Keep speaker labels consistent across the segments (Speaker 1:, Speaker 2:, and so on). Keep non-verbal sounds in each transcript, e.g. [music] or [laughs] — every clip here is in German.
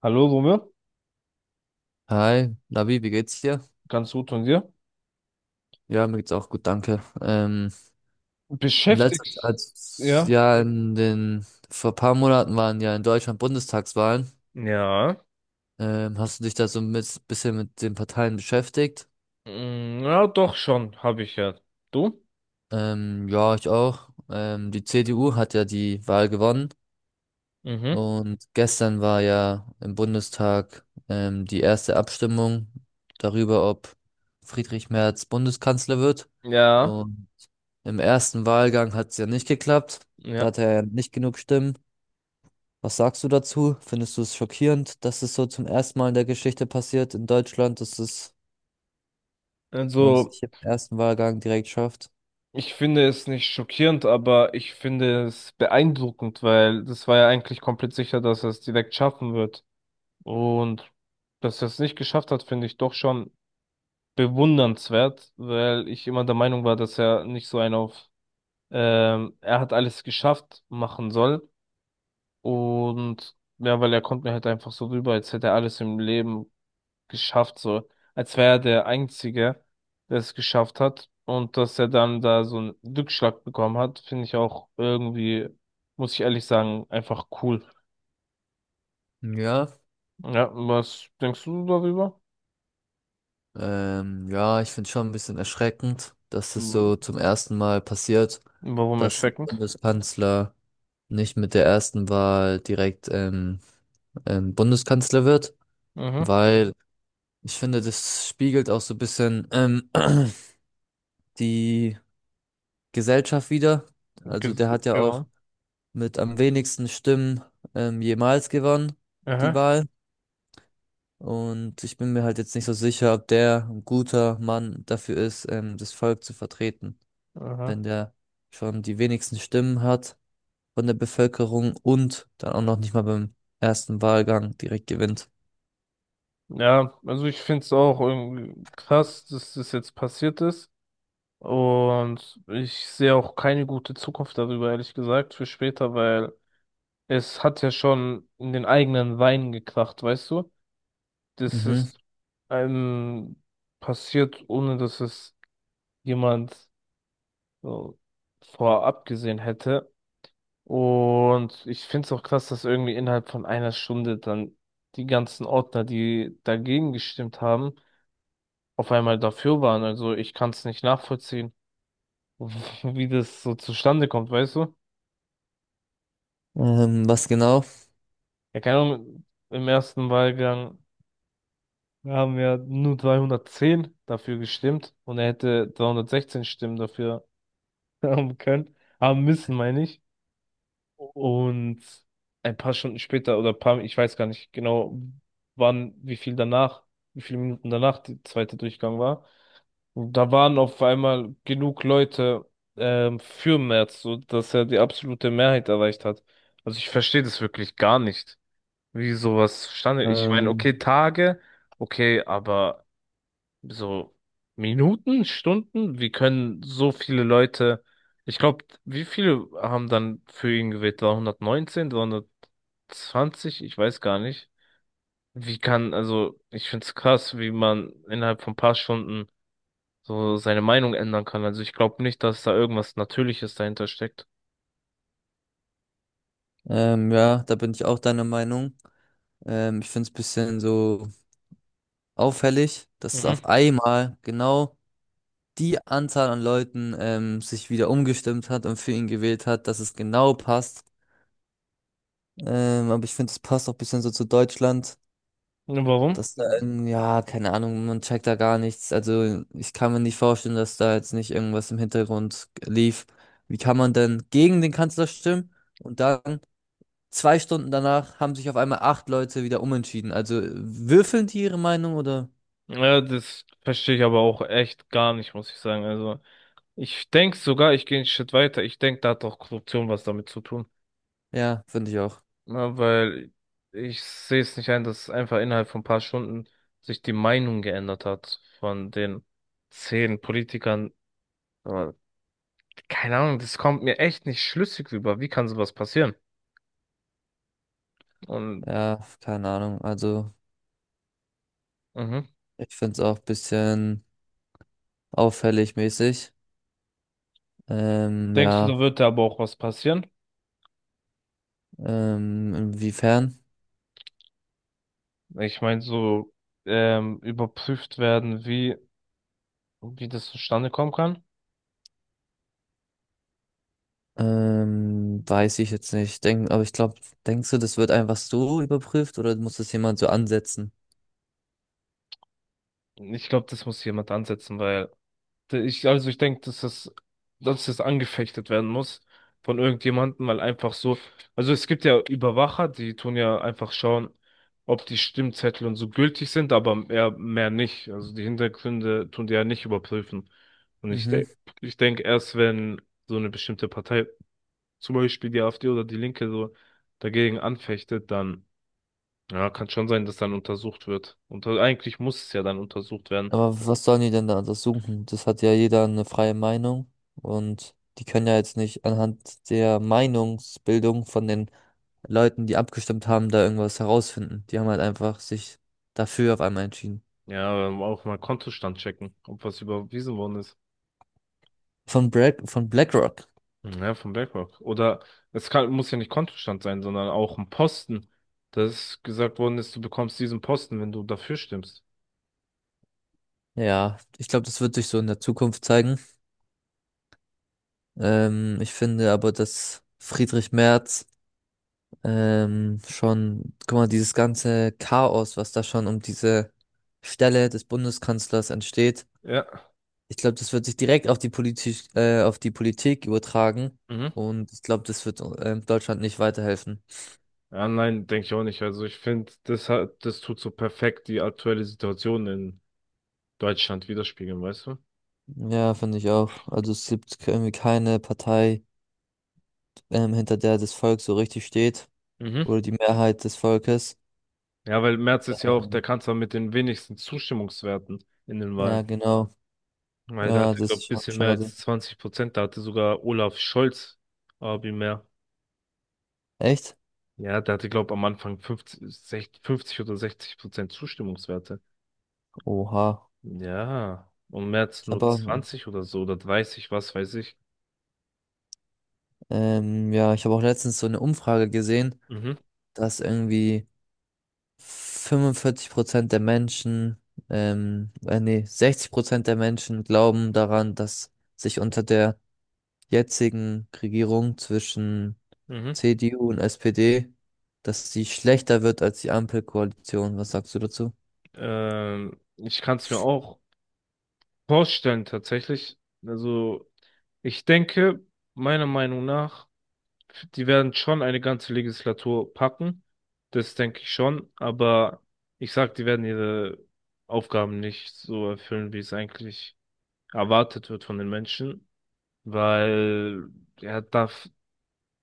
Speaker 1: Hallo, Romeo.
Speaker 2: Hi, Lavi, wie geht's dir?
Speaker 1: Ganz gut, von dir?
Speaker 2: Ja, mir geht's auch gut, danke. In letzter
Speaker 1: Beschäftigst,
Speaker 2: Zeit,
Speaker 1: ja?
Speaker 2: ja, vor ein paar Monaten waren ja in Deutschland Bundestagswahlen.
Speaker 1: Ja.
Speaker 2: Hast du dich da so ein bisschen mit den Parteien beschäftigt?
Speaker 1: Mm, ja, doch schon, habe ich ja. Du?
Speaker 2: Ja, ich auch. Die CDU hat ja die Wahl gewonnen
Speaker 1: Mhm.
Speaker 2: und gestern war ja im Bundestag die erste Abstimmung darüber, ob Friedrich Merz Bundeskanzler wird.
Speaker 1: Ja,
Speaker 2: Und im ersten Wahlgang hat es ja nicht geklappt. Da
Speaker 1: ja.
Speaker 2: hat er ja nicht genug Stimmen. Was sagst du dazu? Findest du es schockierend, dass es so zum ersten Mal in der Geschichte passiert in Deutschland, dass es man es
Speaker 1: Also,
Speaker 2: nicht im ersten Wahlgang direkt schafft?
Speaker 1: ich finde es nicht schockierend, aber ich finde es beeindruckend, weil das war ja eigentlich komplett sicher, dass er es direkt schaffen wird. Und dass er es nicht geschafft hat, finde ich doch schon bewundernswert, weil ich immer der Meinung war, dass er nicht so einen auf, er hat alles geschafft machen soll. Und ja, weil er kommt mir halt einfach so rüber, als hätte er alles im Leben geschafft, so. Als wäre er der Einzige, der es geschafft hat. Und dass er dann da so einen Rückschlag bekommen hat, finde ich auch irgendwie, muss ich ehrlich sagen, einfach cool.
Speaker 2: Ja,
Speaker 1: Ja, was denkst du darüber?
Speaker 2: ja, ich finde schon ein bisschen erschreckend, dass es
Speaker 1: Hm,
Speaker 2: so zum ersten Mal passiert,
Speaker 1: warum
Speaker 2: dass ein
Speaker 1: erschreckend?
Speaker 2: Bundeskanzler nicht mit der ersten Wahl direkt Bundeskanzler wird,
Speaker 1: Mhm.
Speaker 2: weil ich finde, das spiegelt auch so ein bisschen [clears throat] die Gesellschaft wieder. Also der hat ja auch
Speaker 1: Genau.
Speaker 2: mit am wenigsten Stimmen jemals gewonnen, die
Speaker 1: Aha.
Speaker 2: Wahl. Und ich bin mir halt jetzt nicht so sicher, ob der ein guter Mann dafür ist, das Volk zu vertreten,
Speaker 1: Aha.
Speaker 2: wenn der schon die wenigsten Stimmen hat von der Bevölkerung und dann auch noch nicht mal beim ersten Wahlgang direkt gewinnt.
Speaker 1: Ja, also ich finde es auch irgendwie krass, dass das jetzt passiert ist. Und ich sehe auch keine gute Zukunft darüber, ehrlich gesagt, für später, weil es hat ja schon in den eigenen Wein gekracht, weißt du? Das
Speaker 2: Mhm.
Speaker 1: ist einem passiert, ohne dass es jemand so vorab gesehen hätte. Und ich finde es auch krass, dass irgendwie innerhalb von einer Stunde dann die ganzen Ordner, die dagegen gestimmt haben, auf einmal dafür waren. Also ich kann es nicht nachvollziehen, [laughs] wie das so zustande kommt, weißt du?
Speaker 2: Was genau?
Speaker 1: Ja, keine Ahnung, im ersten Wahlgang haben ja nur 210 dafür gestimmt und er hätte 316 Stimmen dafür [laughs] haben können, haben müssen, meine ich. Und ein paar Stunden später oder ein paar, ich weiß gar nicht genau, wann, wie viel danach, wie viele Minuten danach der zweite Durchgang war. Und da waren auf einmal genug Leute für Merz, so dass er die absolute Mehrheit erreicht hat. Also ich verstehe das wirklich gar nicht, wie sowas zustande. Ich meine,
Speaker 2: Ähm,
Speaker 1: okay, Tage, okay, aber so Minuten, Stunden, wie können so viele Leute, ich glaube, wie viele haben dann für ihn gewählt? War 119. Ich weiß gar nicht. Wie kann, also, ich finde es krass, wie man innerhalb von ein paar Stunden so seine Meinung ändern kann. Also, ich glaube nicht, dass da irgendwas Natürliches dahinter steckt.
Speaker 2: ja, da bin ich auch deiner Meinung. Ich finde es ein bisschen so auffällig, dass auf
Speaker 1: Mhm.
Speaker 2: einmal genau die Anzahl an Leuten sich wieder umgestimmt hat und für ihn gewählt hat, dass es genau passt. Aber ich finde, es passt auch ein bisschen so zu Deutschland,
Speaker 1: Und warum?
Speaker 2: dass da, ja, keine Ahnung, man checkt da gar nichts. Also ich kann mir nicht vorstellen, dass da jetzt nicht irgendwas im Hintergrund lief. Wie kann man denn gegen den Kanzler stimmen und dann zwei Stunden danach haben sich auf einmal acht Leute wieder umentschieden? Also würfeln die ihre Meinung oder?
Speaker 1: Ja, das verstehe ich aber auch echt gar nicht, muss ich sagen. Also, ich denke sogar, ich gehe einen Schritt weiter. Ich denke, da hat auch Korruption was damit zu tun.
Speaker 2: Ja, finde ich auch.
Speaker 1: Na, weil ich sehe es nicht ein, dass einfach innerhalb von ein paar Stunden sich die Meinung geändert hat von den 10 Politikern. Aber keine Ahnung, das kommt mir echt nicht schlüssig rüber. Wie kann sowas passieren? Und
Speaker 2: Ja, keine Ahnung. Also,
Speaker 1: mhm.
Speaker 2: ich finde es auch ein bisschen auffällig mäßig. Ähm,
Speaker 1: Denkst du,
Speaker 2: ja,
Speaker 1: da wird da aber auch was passieren?
Speaker 2: Inwiefern?
Speaker 1: Ich meine, so überprüft werden, wie, wie das zustande kommen kann.
Speaker 2: Weiß ich jetzt nicht. Aber ich glaube, denkst du, das wird einfach so überprüft oder muss das jemand so ansetzen?
Speaker 1: Ich glaube, das muss jemand ansetzen, weil ich, also ich denke, dass das angefechtet werden muss von irgendjemandem, weil einfach so, also es gibt ja Überwacher, die tun ja einfach schauen, ob die Stimmzettel und so gültig sind, aber mehr nicht. Also die Hintergründe tun die ja nicht überprüfen. Und
Speaker 2: Mhm.
Speaker 1: ich denke, erst wenn so eine bestimmte Partei, zum Beispiel die AfD oder die Linke, so dagegen anfechtet, dann, ja, kann schon sein, dass dann untersucht wird. Und eigentlich muss es ja dann untersucht werden.
Speaker 2: Aber was sollen die denn da untersuchen? Das hat ja jeder eine freie Meinung und die können ja jetzt nicht anhand der Meinungsbildung von den Leuten, die abgestimmt haben, da irgendwas herausfinden. Die haben halt einfach sich dafür auf einmal entschieden.
Speaker 1: Ja, auch mal Kontostand checken, ob was überwiesen worden ist.
Speaker 2: Von von BlackRock.
Speaker 1: Ja, von BlackRock. Oder es kann, muss ja nicht Kontostand sein, sondern auch ein Posten, dass gesagt worden ist, du bekommst diesen Posten, wenn du dafür stimmst.
Speaker 2: Ja, ich glaube, das wird sich so in der Zukunft zeigen. Ich finde aber, dass Friedrich Merz schon, guck mal, dieses ganze Chaos, was da schon um diese Stelle des Bundeskanzlers entsteht,
Speaker 1: Ja.
Speaker 2: ich glaube, das wird sich direkt auf die Politik übertragen.
Speaker 1: Mhm.
Speaker 2: Und ich glaube, das wird Deutschland nicht weiterhelfen.
Speaker 1: Ja, nein, denke ich auch nicht. Also ich finde, das hat, das tut so perfekt die aktuelle Situation in Deutschland widerspiegeln, weißt du?
Speaker 2: Ja, finde ich auch. Also es gibt irgendwie keine Partei, hinter der das Volk so richtig steht
Speaker 1: Mhm.
Speaker 2: oder die Mehrheit des Volkes.
Speaker 1: Ja, weil Merz ist ja auch der
Speaker 2: Ähm,
Speaker 1: Kanzler mit den wenigsten Zustimmungswerten in den
Speaker 2: Ja,
Speaker 1: Wahlen.
Speaker 2: genau.
Speaker 1: Weil da
Speaker 2: Ja,
Speaker 1: hatte,
Speaker 2: das
Speaker 1: glaube
Speaker 2: ist
Speaker 1: ich, ein
Speaker 2: schon
Speaker 1: bisschen mehr
Speaker 2: schade.
Speaker 1: als 20%. Da hatte sogar Olaf Scholz Abi mehr.
Speaker 2: Echt?
Speaker 1: Ja, der hatte, glaube ich, am Anfang 50 60, 50 oder 60% Zustimmungswerte.
Speaker 2: Oha.
Speaker 1: Ja, und Merz
Speaker 2: Ich
Speaker 1: nur
Speaker 2: habe auch,
Speaker 1: 20 oder so oder 30, was weiß ich.
Speaker 2: ja, ich habe auch letztens so eine Umfrage gesehen,
Speaker 1: Mhm,
Speaker 2: dass irgendwie 45% der Menschen, nee, 60% der Menschen glauben daran, dass sich unter der jetzigen Regierung zwischen
Speaker 1: mhm.
Speaker 2: CDU und SPD, dass sie schlechter wird als die Ampelkoalition. Was sagst du dazu?
Speaker 1: Ich kann es mir auch vorstellen, tatsächlich. Also, ich denke, meiner Meinung nach, die werden schon eine ganze Legislatur packen. Das denke ich schon. Aber ich sag, die werden ihre Aufgaben nicht so erfüllen, wie es eigentlich erwartet wird von den Menschen. Weil er darf,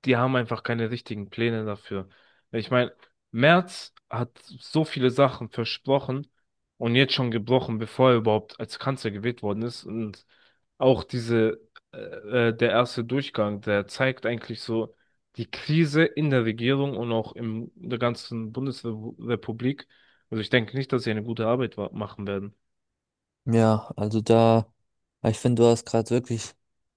Speaker 1: die haben einfach keine richtigen Pläne dafür. Ich meine, Merz hat so viele Sachen versprochen und jetzt schon gebrochen, bevor er überhaupt als Kanzler gewählt worden ist. Und auch diese, der erste Durchgang, der zeigt eigentlich so die Krise in der Regierung und auch in der ganzen Bundesrepublik. Also ich denke nicht, dass sie eine gute Arbeit machen werden.
Speaker 2: Ja, also da, Ich finde, du hast gerade wirklich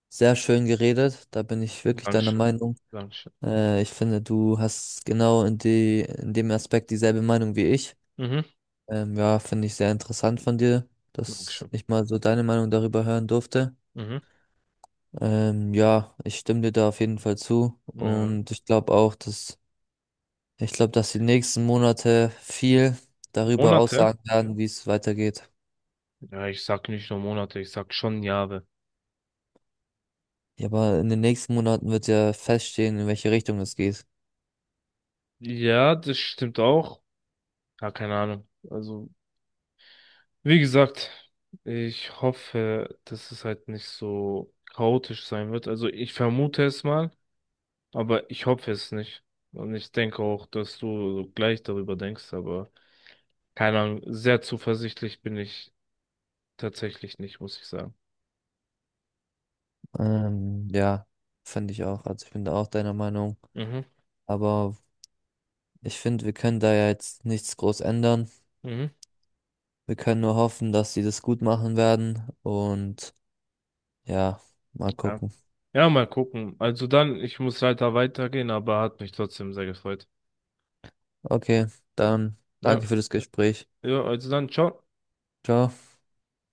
Speaker 2: sehr schön geredet. Da bin ich wirklich deiner
Speaker 1: Dankeschön.
Speaker 2: Meinung.
Speaker 1: Dankeschön.
Speaker 2: Ich finde, du hast genau in dem Aspekt dieselbe Meinung wie ich.
Speaker 1: Mhm.
Speaker 2: Ja, finde ich sehr interessant von dir, dass
Speaker 1: Dankeschön.
Speaker 2: ich mal so deine Meinung darüber hören durfte.
Speaker 1: Mhm.
Speaker 2: Ja, ich stimme dir da auf jeden Fall zu.
Speaker 1: Ja.
Speaker 2: Ich glaube, dass die nächsten Monate viel darüber
Speaker 1: Monate.
Speaker 2: aussagen werden, wie es weitergeht.
Speaker 1: Ja, ich sag nicht nur Monate, ich sag schon Jahre.
Speaker 2: Ja, aber in den nächsten Monaten wird ja feststehen, in welche Richtung es geht.
Speaker 1: Ja, das stimmt auch. Ja, keine Ahnung. Also, wie gesagt, ich hoffe, dass es halt nicht so chaotisch sein wird. Also, ich vermute es mal, aber ich hoffe es nicht. Und ich denke auch, dass du so gleich darüber denkst, aber keine Ahnung, sehr zuversichtlich bin ich tatsächlich nicht, muss ich sagen.
Speaker 2: Ja, finde ich auch. Also ich bin da auch deiner Meinung.
Speaker 1: Mhm,
Speaker 2: Aber ich finde, wir können da ja jetzt nichts groß ändern.
Speaker 1: mhm,
Speaker 2: Wir können nur hoffen, dass sie das gut machen werden. Und ja, mal
Speaker 1: ja.
Speaker 2: gucken.
Speaker 1: Ja, mal gucken. Also dann, ich muss leider weitergehen, aber hat mich trotzdem sehr gefreut.
Speaker 2: Okay, dann
Speaker 1: Ja.
Speaker 2: danke für das Gespräch.
Speaker 1: Yo, also dann çok
Speaker 2: Ciao.